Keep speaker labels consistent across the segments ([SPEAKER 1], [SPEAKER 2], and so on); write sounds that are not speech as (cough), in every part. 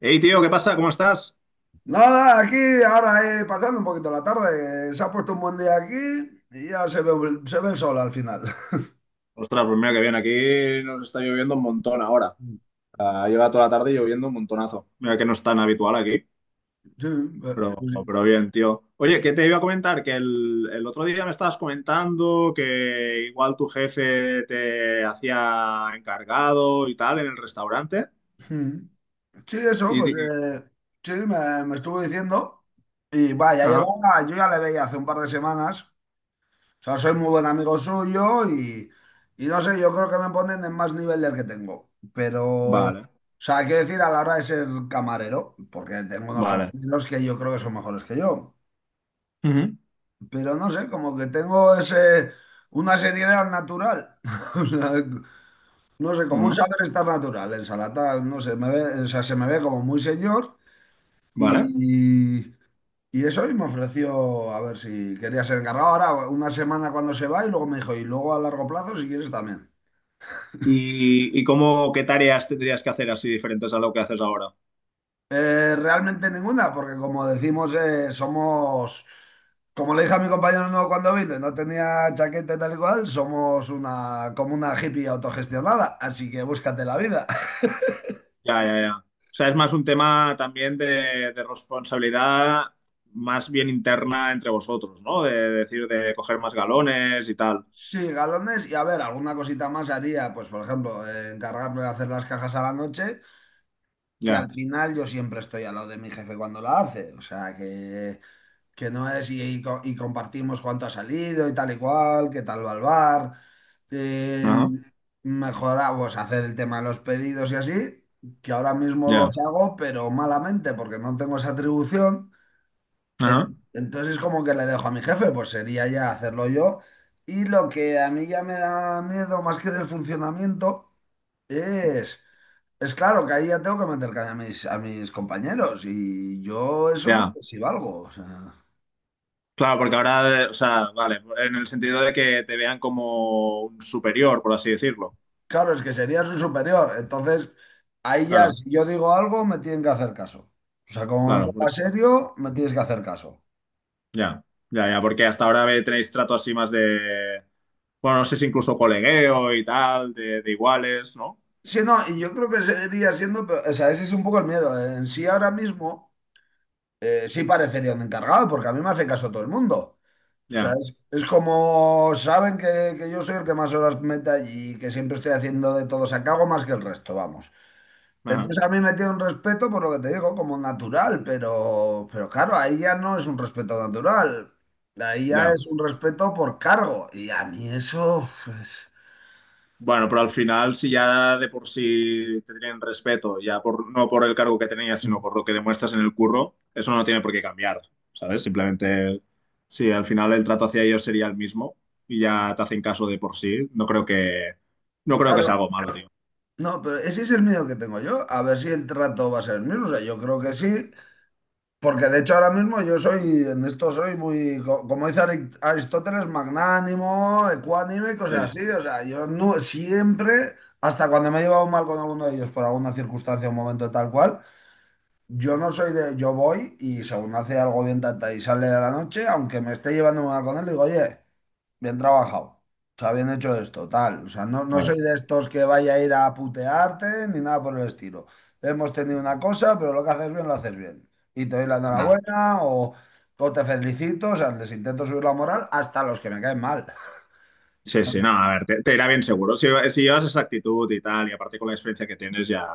[SPEAKER 1] Hey, tío, ¿qué pasa? ¿Cómo estás?
[SPEAKER 2] Nada, aquí ahora pasando un poquito la tarde, se ha puesto un buen día aquí y ya se ve el sol al final. (laughs)
[SPEAKER 1] Ostras, pues mira que bien, aquí nos está lloviendo un montón ahora. Ah, lleva toda la tarde lloviendo un montonazo. Mira que no es tan habitual aquí,
[SPEAKER 2] Sí, pues
[SPEAKER 1] pero,
[SPEAKER 2] sí.
[SPEAKER 1] pero bien, tío. Oye, ¿qué te iba a comentar? Que el otro día me estabas comentando que igual tu jefe te hacía encargado y tal en el restaurante.
[SPEAKER 2] Mm. Sí, eso,
[SPEAKER 1] Y, te-
[SPEAKER 2] pues
[SPEAKER 1] y-
[SPEAKER 2] sí, me estuvo diciendo y vaya,
[SPEAKER 1] ajá.
[SPEAKER 2] llevaba, yo ya le veía hace un par de semanas, o sea, soy muy buen amigo suyo y no sé, yo creo que me ponen en más nivel del que tengo, pero, o
[SPEAKER 1] Vale,
[SPEAKER 2] sea, quiero decir, a la hora de ser camarero, porque tengo unos
[SPEAKER 1] vale.
[SPEAKER 2] compañeros que yo creo que son mejores que yo.
[SPEAKER 1] Ujú,
[SPEAKER 2] Pero no sé, como que tengo una seriedad natural. (laughs) O sea, no sé, como un
[SPEAKER 1] ujú,
[SPEAKER 2] saber estar natural. En Salata, no sé, me ve, o sea, se me ve como muy señor
[SPEAKER 1] vale.
[SPEAKER 2] y, y, y eso y me ofreció a ver si quería ser encargado. Ahora, una semana cuando se va y luego me dijo, y luego a largo plazo si quieres también.
[SPEAKER 1] Y cómo, qué tareas tendrías que hacer así diferentes a lo que haces ahora?
[SPEAKER 2] Realmente ninguna, porque como decimos, somos, como le dije a mi compañero nuevo cuando vino, no tenía chaqueta y tal y cual, somos una, como una hippie autogestionada, así que búscate la vida. (laughs)
[SPEAKER 1] Ya, ya, ya. O sea, es más un tema también de responsabilidad más bien interna entre vosotros, ¿no? De, decir, de coger más galones y tal.
[SPEAKER 2] Sí, galones y a ver, alguna cosita más haría, pues por ejemplo, encargarme de hacer las cajas a la noche, que al
[SPEAKER 1] Ya,
[SPEAKER 2] final yo siempre estoy al lado de mi jefe cuando la hace, o sea que no es y compartimos cuánto ha salido y tal y cual, qué tal va el bar,
[SPEAKER 1] ajá,
[SPEAKER 2] el mejorar, pues hacer el tema de los pedidos y así, que ahora mismo los
[SPEAKER 1] ya,
[SPEAKER 2] hago, pero malamente porque no tengo esa atribución.
[SPEAKER 1] ajá,
[SPEAKER 2] En- Entonces como que le dejo a mi jefe, pues sería ya hacerlo yo. Y lo que a mí ya me da miedo más que del funcionamiento es. Es claro que ahí ya tengo que meter caña a mis compañeros y yo eso no
[SPEAKER 1] ya.
[SPEAKER 2] sé si valgo. O sea.
[SPEAKER 1] Claro, porque ahora, o sea, vale, en el sentido de que te vean como un superior, por así decirlo.
[SPEAKER 2] Claro, es que sería su superior. Entonces, ahí ya,
[SPEAKER 1] Claro,
[SPEAKER 2] si yo digo algo, me tienen que hacer caso. O sea, como me
[SPEAKER 1] claro,
[SPEAKER 2] ponga
[SPEAKER 1] porque-
[SPEAKER 2] serio, me tienes que hacer caso.
[SPEAKER 1] ya, ya, ya, porque hasta ahora ve- tenéis trato así más de, bueno, no sé si incluso colegueo y tal, de iguales, ¿no?
[SPEAKER 2] Sí, no, y yo creo que seguiría siendo, pero, o sea, ese es un poco el miedo. En sí ahora mismo, sí parecería un encargado, porque a mí me hace caso todo el mundo. O sea,
[SPEAKER 1] Ya,
[SPEAKER 2] es como saben que yo soy el que más horas mete allí y que siempre estoy haciendo de todo. O sea, que hago más que el resto, vamos.
[SPEAKER 1] ajá,
[SPEAKER 2] Entonces a mí me tiene un respeto por lo que te digo, como natural, pero, claro, ahí ya no es un respeto natural, ahí ya
[SPEAKER 1] ya.
[SPEAKER 2] es un respeto por cargo. Y a mí eso, pues,
[SPEAKER 1] Bueno, pero al final, si ya de por sí te tienen respeto, ya por, no por el cargo que tenías, sino por lo que demuestras en el curro, eso no tiene por qué cambiar, ¿sabes? Simplemente, sí, al final el trato hacia ellos sería el mismo y ya te hacen caso de por sí. No creo que sea
[SPEAKER 2] claro,
[SPEAKER 1] algo malo, tío.
[SPEAKER 2] no, pero ese es el miedo que tengo yo, a ver si el trato va a ser el mismo. O sea, yo creo que sí, porque de hecho ahora mismo yo soy, en esto soy muy, como dice Aristóteles, magnánimo, ecuánime, y cosas
[SPEAKER 1] Eh,
[SPEAKER 2] así. O sea, yo no, siempre, hasta cuando me he llevado mal con alguno de ellos por alguna circunstancia o momento tal cual. Yo no soy de, yo voy y según hace algo bien tata y sale de la noche, aunque me esté llevando una con él, digo, oye, bien trabajado, o sea, bien hecho esto, tal. O sea, no, no
[SPEAKER 1] claro.
[SPEAKER 2] soy de estos que vaya a ir a putearte ni nada por el estilo. Hemos tenido una cosa, pero lo que haces bien, lo haces bien. Y te doy la
[SPEAKER 1] Nada.
[SPEAKER 2] enhorabuena o te felicito, o sea, les intento subir la moral hasta a los que me caen mal.
[SPEAKER 1] Sí, sí, no, a ver, te irá bien seguro. Si llevas esa actitud y tal, y aparte con la experiencia que tienes, ya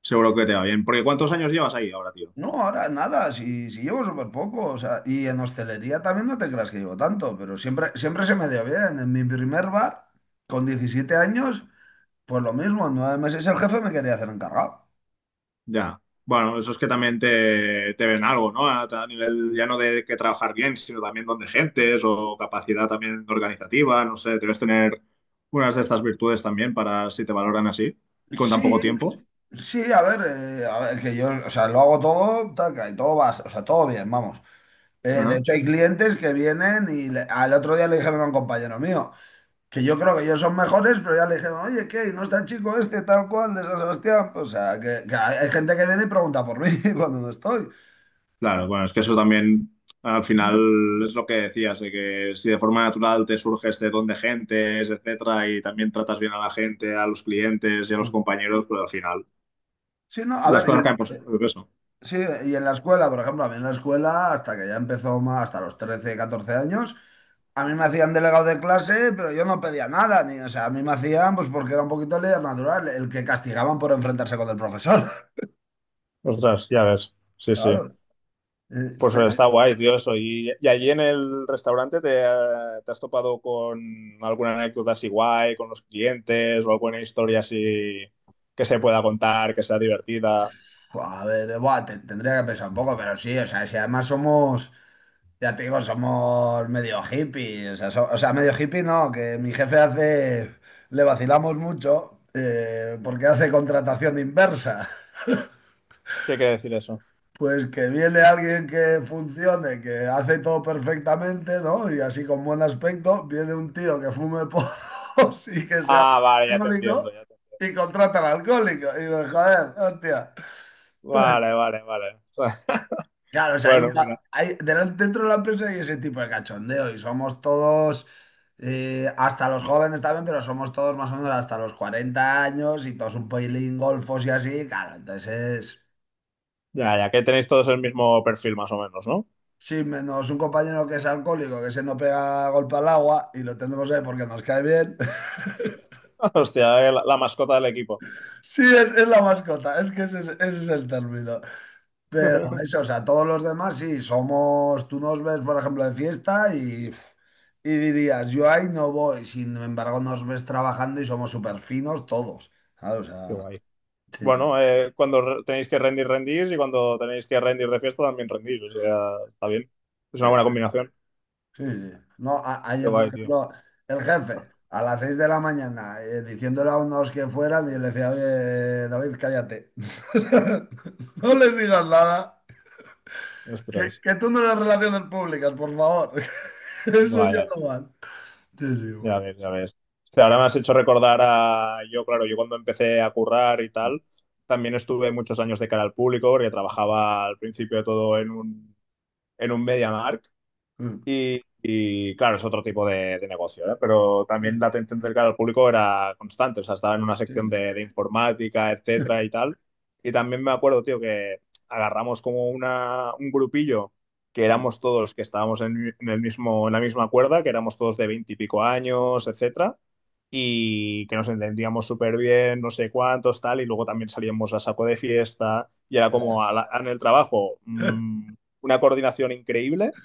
[SPEAKER 1] seguro que te va bien. Porque ¿cuántos años llevas ahí ahora, tío?
[SPEAKER 2] No, ahora nada, si llevo súper poco, o sea, y en hostelería también no te creas que llevo tanto, pero siempre, siempre se me dio bien. En mi primer bar, con 17 años, pues lo mismo, en 9 meses el jefe me quería hacer encargado.
[SPEAKER 1] Ya. Bueno, eso es que también te ven algo, ¿no? A nivel ya no de que trabajar bien, sino también donde gentes o capacidad también organizativa, no sé, debes tener unas de estas virtudes también para si te valoran así y con tan poco
[SPEAKER 2] Sí,
[SPEAKER 1] tiempo.
[SPEAKER 2] sí, a ver, que yo, o sea, lo hago todo, taca, y todo va, o sea, todo bien, vamos. De
[SPEAKER 1] Ajá.
[SPEAKER 2] hecho, hay clientes que vienen y al otro día le dijeron a un compañero mío, que yo creo que ellos son mejores, pero ya le dijeron, oye, ¿qué? ¿No está el chico este tal cual de San Sebastián? O sea, que hay gente que viene y pregunta por mí (laughs) cuando no estoy.
[SPEAKER 1] Claro, bueno, es que eso también al final
[SPEAKER 2] Ujú.
[SPEAKER 1] es lo que decías, de que si de forma natural te surge este don de gentes, etcétera, y también tratas bien a la gente, a los clientes y a los compañeros, pues al final
[SPEAKER 2] Sí, no, a
[SPEAKER 1] las
[SPEAKER 2] ver,
[SPEAKER 1] cosas caen por su
[SPEAKER 2] eh,
[SPEAKER 1] propio peso.
[SPEAKER 2] sí, y en la escuela, por ejemplo, a mí en la escuela, hasta que ya empezó más, hasta los 13 14 años, a mí me hacían delegado de clase, pero yo no pedía nada, ni, o sea, a mí me hacían, pues porque era un poquito líder natural, el que castigaban por enfrentarse con el profesor,
[SPEAKER 1] Ostras, ya ves.
[SPEAKER 2] (laughs)
[SPEAKER 1] Sí, sí.
[SPEAKER 2] claro.
[SPEAKER 1] Pues
[SPEAKER 2] Pero,
[SPEAKER 1] está guay, tío, eso. Y allí en el restaurante te, te has topado con alguna anécdota así guay, con los clientes o alguna historia así que se pueda contar, que sea divertida?
[SPEAKER 2] pues, a ver, buah, tendría que pensar un poco, pero sí, o sea, si además somos. Ya te digo, somos medio hippies. O sea, o sea, medio hippie no, que mi jefe hace. Le vacilamos mucho
[SPEAKER 1] Ujú.
[SPEAKER 2] porque hace contratación inversa. (laughs)
[SPEAKER 1] ¿Qué quiere decir eso?
[SPEAKER 2] Pues que viene alguien que funcione, que hace todo perfectamente, ¿no? Y así con buen aspecto, viene un tío que fume porros (laughs) y que sea
[SPEAKER 1] Ah, vale, ya te entiendo,
[SPEAKER 2] alcohólico
[SPEAKER 1] ya te-
[SPEAKER 2] y contrata al alcohólico. Y digo, joder, hostia.
[SPEAKER 1] vale, vale, vale. (laughs)
[SPEAKER 2] Claro, o sea, hay un,
[SPEAKER 1] Bueno, mira,
[SPEAKER 2] pa- hay- delante- dentro de la empresa hay ese tipo de cachondeo y somos todos, hasta los jóvenes también, pero somos todos más o menos hasta los 40 años y todos un poilín golfos y así, claro, entonces,
[SPEAKER 1] ya, ya que tenéis todos el mismo perfil más o menos, ¿no?
[SPEAKER 2] sí, menos un compañero que es alcohólico, que se nos pega golpe al agua y lo tenemos ahí porque nos cae bien. (laughs)
[SPEAKER 1] (laughs) Hostia, la, la mascota del equipo.
[SPEAKER 2] Sí, es la mascota, es que ese es el término. Pero
[SPEAKER 1] (laughs)
[SPEAKER 2] eso, o sea, todos los demás sí, somos, tú nos ves, por ejemplo, de fiesta y dirías, yo ahí no voy, sin embargo nos ves trabajando y somos súper finos todos, ¿sabes? O
[SPEAKER 1] Qué
[SPEAKER 2] sea,
[SPEAKER 1] guay.
[SPEAKER 2] sí, sí,
[SPEAKER 1] Bueno, cuando re- tenéis que rendir, rendís y cuando tenéis que rendir de fiesta también rendís. O sea, está bien. Es
[SPEAKER 2] sí,
[SPEAKER 1] una buena combinación.
[SPEAKER 2] sí, sí. No,
[SPEAKER 1] Qué
[SPEAKER 2] ayer, por
[SPEAKER 1] guay, tío.
[SPEAKER 2] ejemplo, el jefe, a las 6 de la mañana, diciéndole a unos que fueran, y le decía, oye, David, cállate. (laughs) No les digas nada, que,
[SPEAKER 1] Ostras.
[SPEAKER 2] que tú no eres relaciones públicas, por favor. (laughs) Eso ya
[SPEAKER 1] Vaya,
[SPEAKER 2] no van. Sí,
[SPEAKER 1] ya ves,
[SPEAKER 2] sí,
[SPEAKER 1] ya ves. Hostia, ahora me has hecho recordar a yo, claro, yo cuando empecé a currar y tal, también estuve muchos años de cara al público porque trabajaba al principio todo en un MediaMarkt.
[SPEAKER 2] bueno.
[SPEAKER 1] Claro, es otro tipo de negocio, ¿eh? Pero también
[SPEAKER 2] Mm,
[SPEAKER 1] date a entender que al público era constante, o sea, estaba en una
[SPEAKER 2] sí,
[SPEAKER 1] sección
[SPEAKER 2] sí.
[SPEAKER 1] de informática, etcétera y
[SPEAKER 2] (laughs)
[SPEAKER 1] tal. Y también me acuerdo, tío, que agarramos como una, un grupillo que
[SPEAKER 2] Mm,
[SPEAKER 1] éramos todos que estábamos en el mismo, en la misma cuerda, que éramos todos de veinte y pico años, etcétera y que nos entendíamos súper bien, no sé cuántos, tal, y luego también salíamos a saco de fiesta y era como
[SPEAKER 2] ya.
[SPEAKER 1] a la- en el trabajo
[SPEAKER 2] (laughs)
[SPEAKER 1] una coordinación increíble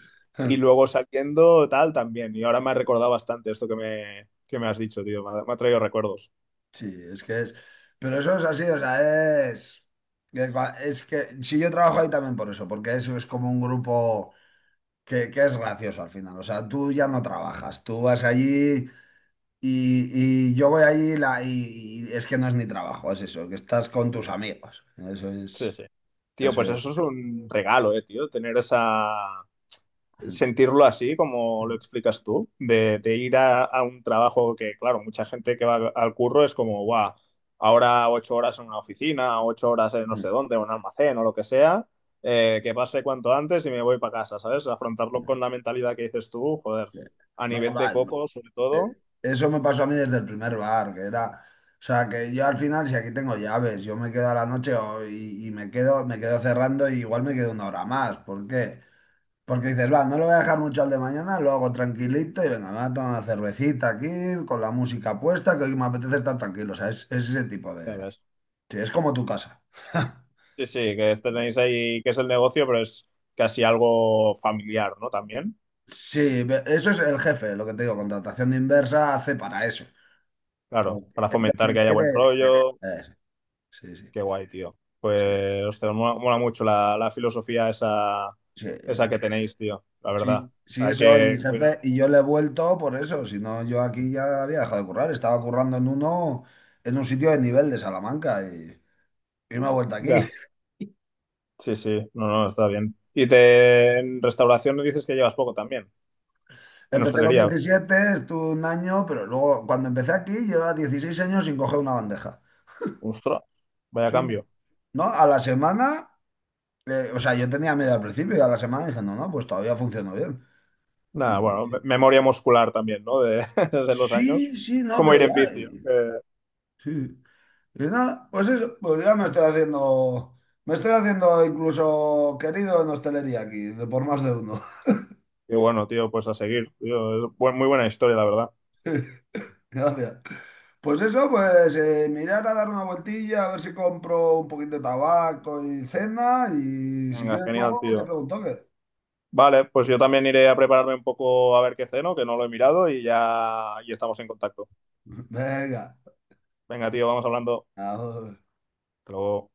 [SPEAKER 1] y luego saliendo tal también. Y ahora me ha recordado bastante esto que que me has dicho, tío, me ha traído recuerdos.
[SPEAKER 2] Sí, es que es. Pero eso es así, o sea, es. Es que si yo trabajo ahí también por eso, porque eso es como un grupo que es gracioso al final. O sea, tú ya no trabajas, tú vas allí y yo voy allí y es que no es ni trabajo, es eso, que estás con tus amigos. Eso
[SPEAKER 1] Sí,
[SPEAKER 2] es.
[SPEAKER 1] sí. Tío,
[SPEAKER 2] Eso
[SPEAKER 1] pues
[SPEAKER 2] es.
[SPEAKER 1] eso es un regalo, tío, tener esa, sentirlo así, como lo explicas tú, de ir a un trabajo que, claro, mucha gente que va al curro es como, guau, ahora 8 horas en una oficina, 8 horas en no sé dónde, en un almacén o lo que sea, que pase cuanto antes y me voy para casa, ¿sabes? Afrontarlo con
[SPEAKER 2] (laughs)
[SPEAKER 1] la mentalidad que dices tú, joder, a
[SPEAKER 2] No,
[SPEAKER 1] nivel
[SPEAKER 2] va.
[SPEAKER 1] de coco sobre todo,
[SPEAKER 2] Eso me pasó a mí desde el primer bar, que era, o sea, que yo al final, si aquí tengo llaves, yo me quedo a la noche y me quedo cerrando y igual me quedo una hora más. ¿Por qué? Porque dices, va, no lo voy a dejar mucho al de mañana, lo hago tranquilito y venga, me voy a tomar una cervecita aquí, con la música puesta, que hoy me apetece estar tranquilo. O sea, es ese tipo
[SPEAKER 1] ya
[SPEAKER 2] de.
[SPEAKER 1] ves.
[SPEAKER 2] Sí, es como tu casa. (laughs)
[SPEAKER 1] Sí, sí, que tenéis ahí, que es el negocio, pero es casi algo familiar, ¿no? También,
[SPEAKER 2] Sí, eso es el jefe, lo que te digo, contratación inversa hace para eso.
[SPEAKER 1] claro,
[SPEAKER 2] Porque
[SPEAKER 1] para
[SPEAKER 2] lo
[SPEAKER 1] fomentar
[SPEAKER 2] que
[SPEAKER 1] que haya
[SPEAKER 2] quiere.
[SPEAKER 1] buen
[SPEAKER 2] eh,
[SPEAKER 1] rollo.
[SPEAKER 2] eh, sí, sí,
[SPEAKER 1] Qué guay, tío.
[SPEAKER 2] sí,
[SPEAKER 1] Pues, ostras, mola, mola mucho la, la filosofía esa,
[SPEAKER 2] sí,
[SPEAKER 1] esa que tenéis, tío, la verdad.
[SPEAKER 2] sí,
[SPEAKER 1] O
[SPEAKER 2] sí,
[SPEAKER 1] sea, hay
[SPEAKER 2] eso es mi
[SPEAKER 1] que
[SPEAKER 2] jefe
[SPEAKER 1] cuidarlo.
[SPEAKER 2] y yo le he vuelto por eso, si no yo aquí ya había dejado de currar, estaba currando en un sitio de nivel de Salamanca y me he vuelto aquí.
[SPEAKER 1] Ya,
[SPEAKER 2] (laughs)
[SPEAKER 1] sí, sí, no, no, está bien. Y te, en restauración dices que llevas poco también, en
[SPEAKER 2] Empecé con
[SPEAKER 1] hostelería.
[SPEAKER 2] 17, estuve un año, pero luego cuando empecé aquí llevaba 16 años sin coger una bandeja.
[SPEAKER 1] Ostras, vaya
[SPEAKER 2] Sí, ¿no?
[SPEAKER 1] cambio.
[SPEAKER 2] No, a la semana, o sea, yo tenía miedo al principio y a la semana dije, no, no, pues todavía funcionó bien. Y-
[SPEAKER 1] Nada, bueno, me-
[SPEAKER 2] y-
[SPEAKER 1] memoria muscular también, ¿no? De, (laughs) de los años.
[SPEAKER 2] sí, sí, no,
[SPEAKER 1] Como
[SPEAKER 2] pero
[SPEAKER 1] ir en
[SPEAKER 2] ya,
[SPEAKER 1] bici, ¿no? Que-
[SPEAKER 2] sí. Y nada, pues eso, pues ya me estoy haciendo incluso querido en hostelería aquí, de por más de uno.
[SPEAKER 1] y bueno, tío, pues a seguir, tío. Es bu- muy buena historia, la verdad.
[SPEAKER 2] (laughs) Gracias. Pues eso, pues mirar a dar una vueltilla, a ver si compro un poquito de tabaco y cena, y si
[SPEAKER 1] Venga,
[SPEAKER 2] quieres
[SPEAKER 1] genial,
[SPEAKER 2] luego te
[SPEAKER 1] tío.
[SPEAKER 2] pregunto qué.
[SPEAKER 1] Vale, pues yo también iré a prepararme un poco a ver qué ceno, que no lo he mirado y ya y estamos en contacto.
[SPEAKER 2] (laughs) Venga,
[SPEAKER 1] Venga, tío, vamos hablando.
[SPEAKER 2] ahora.
[SPEAKER 1] Hasta luego.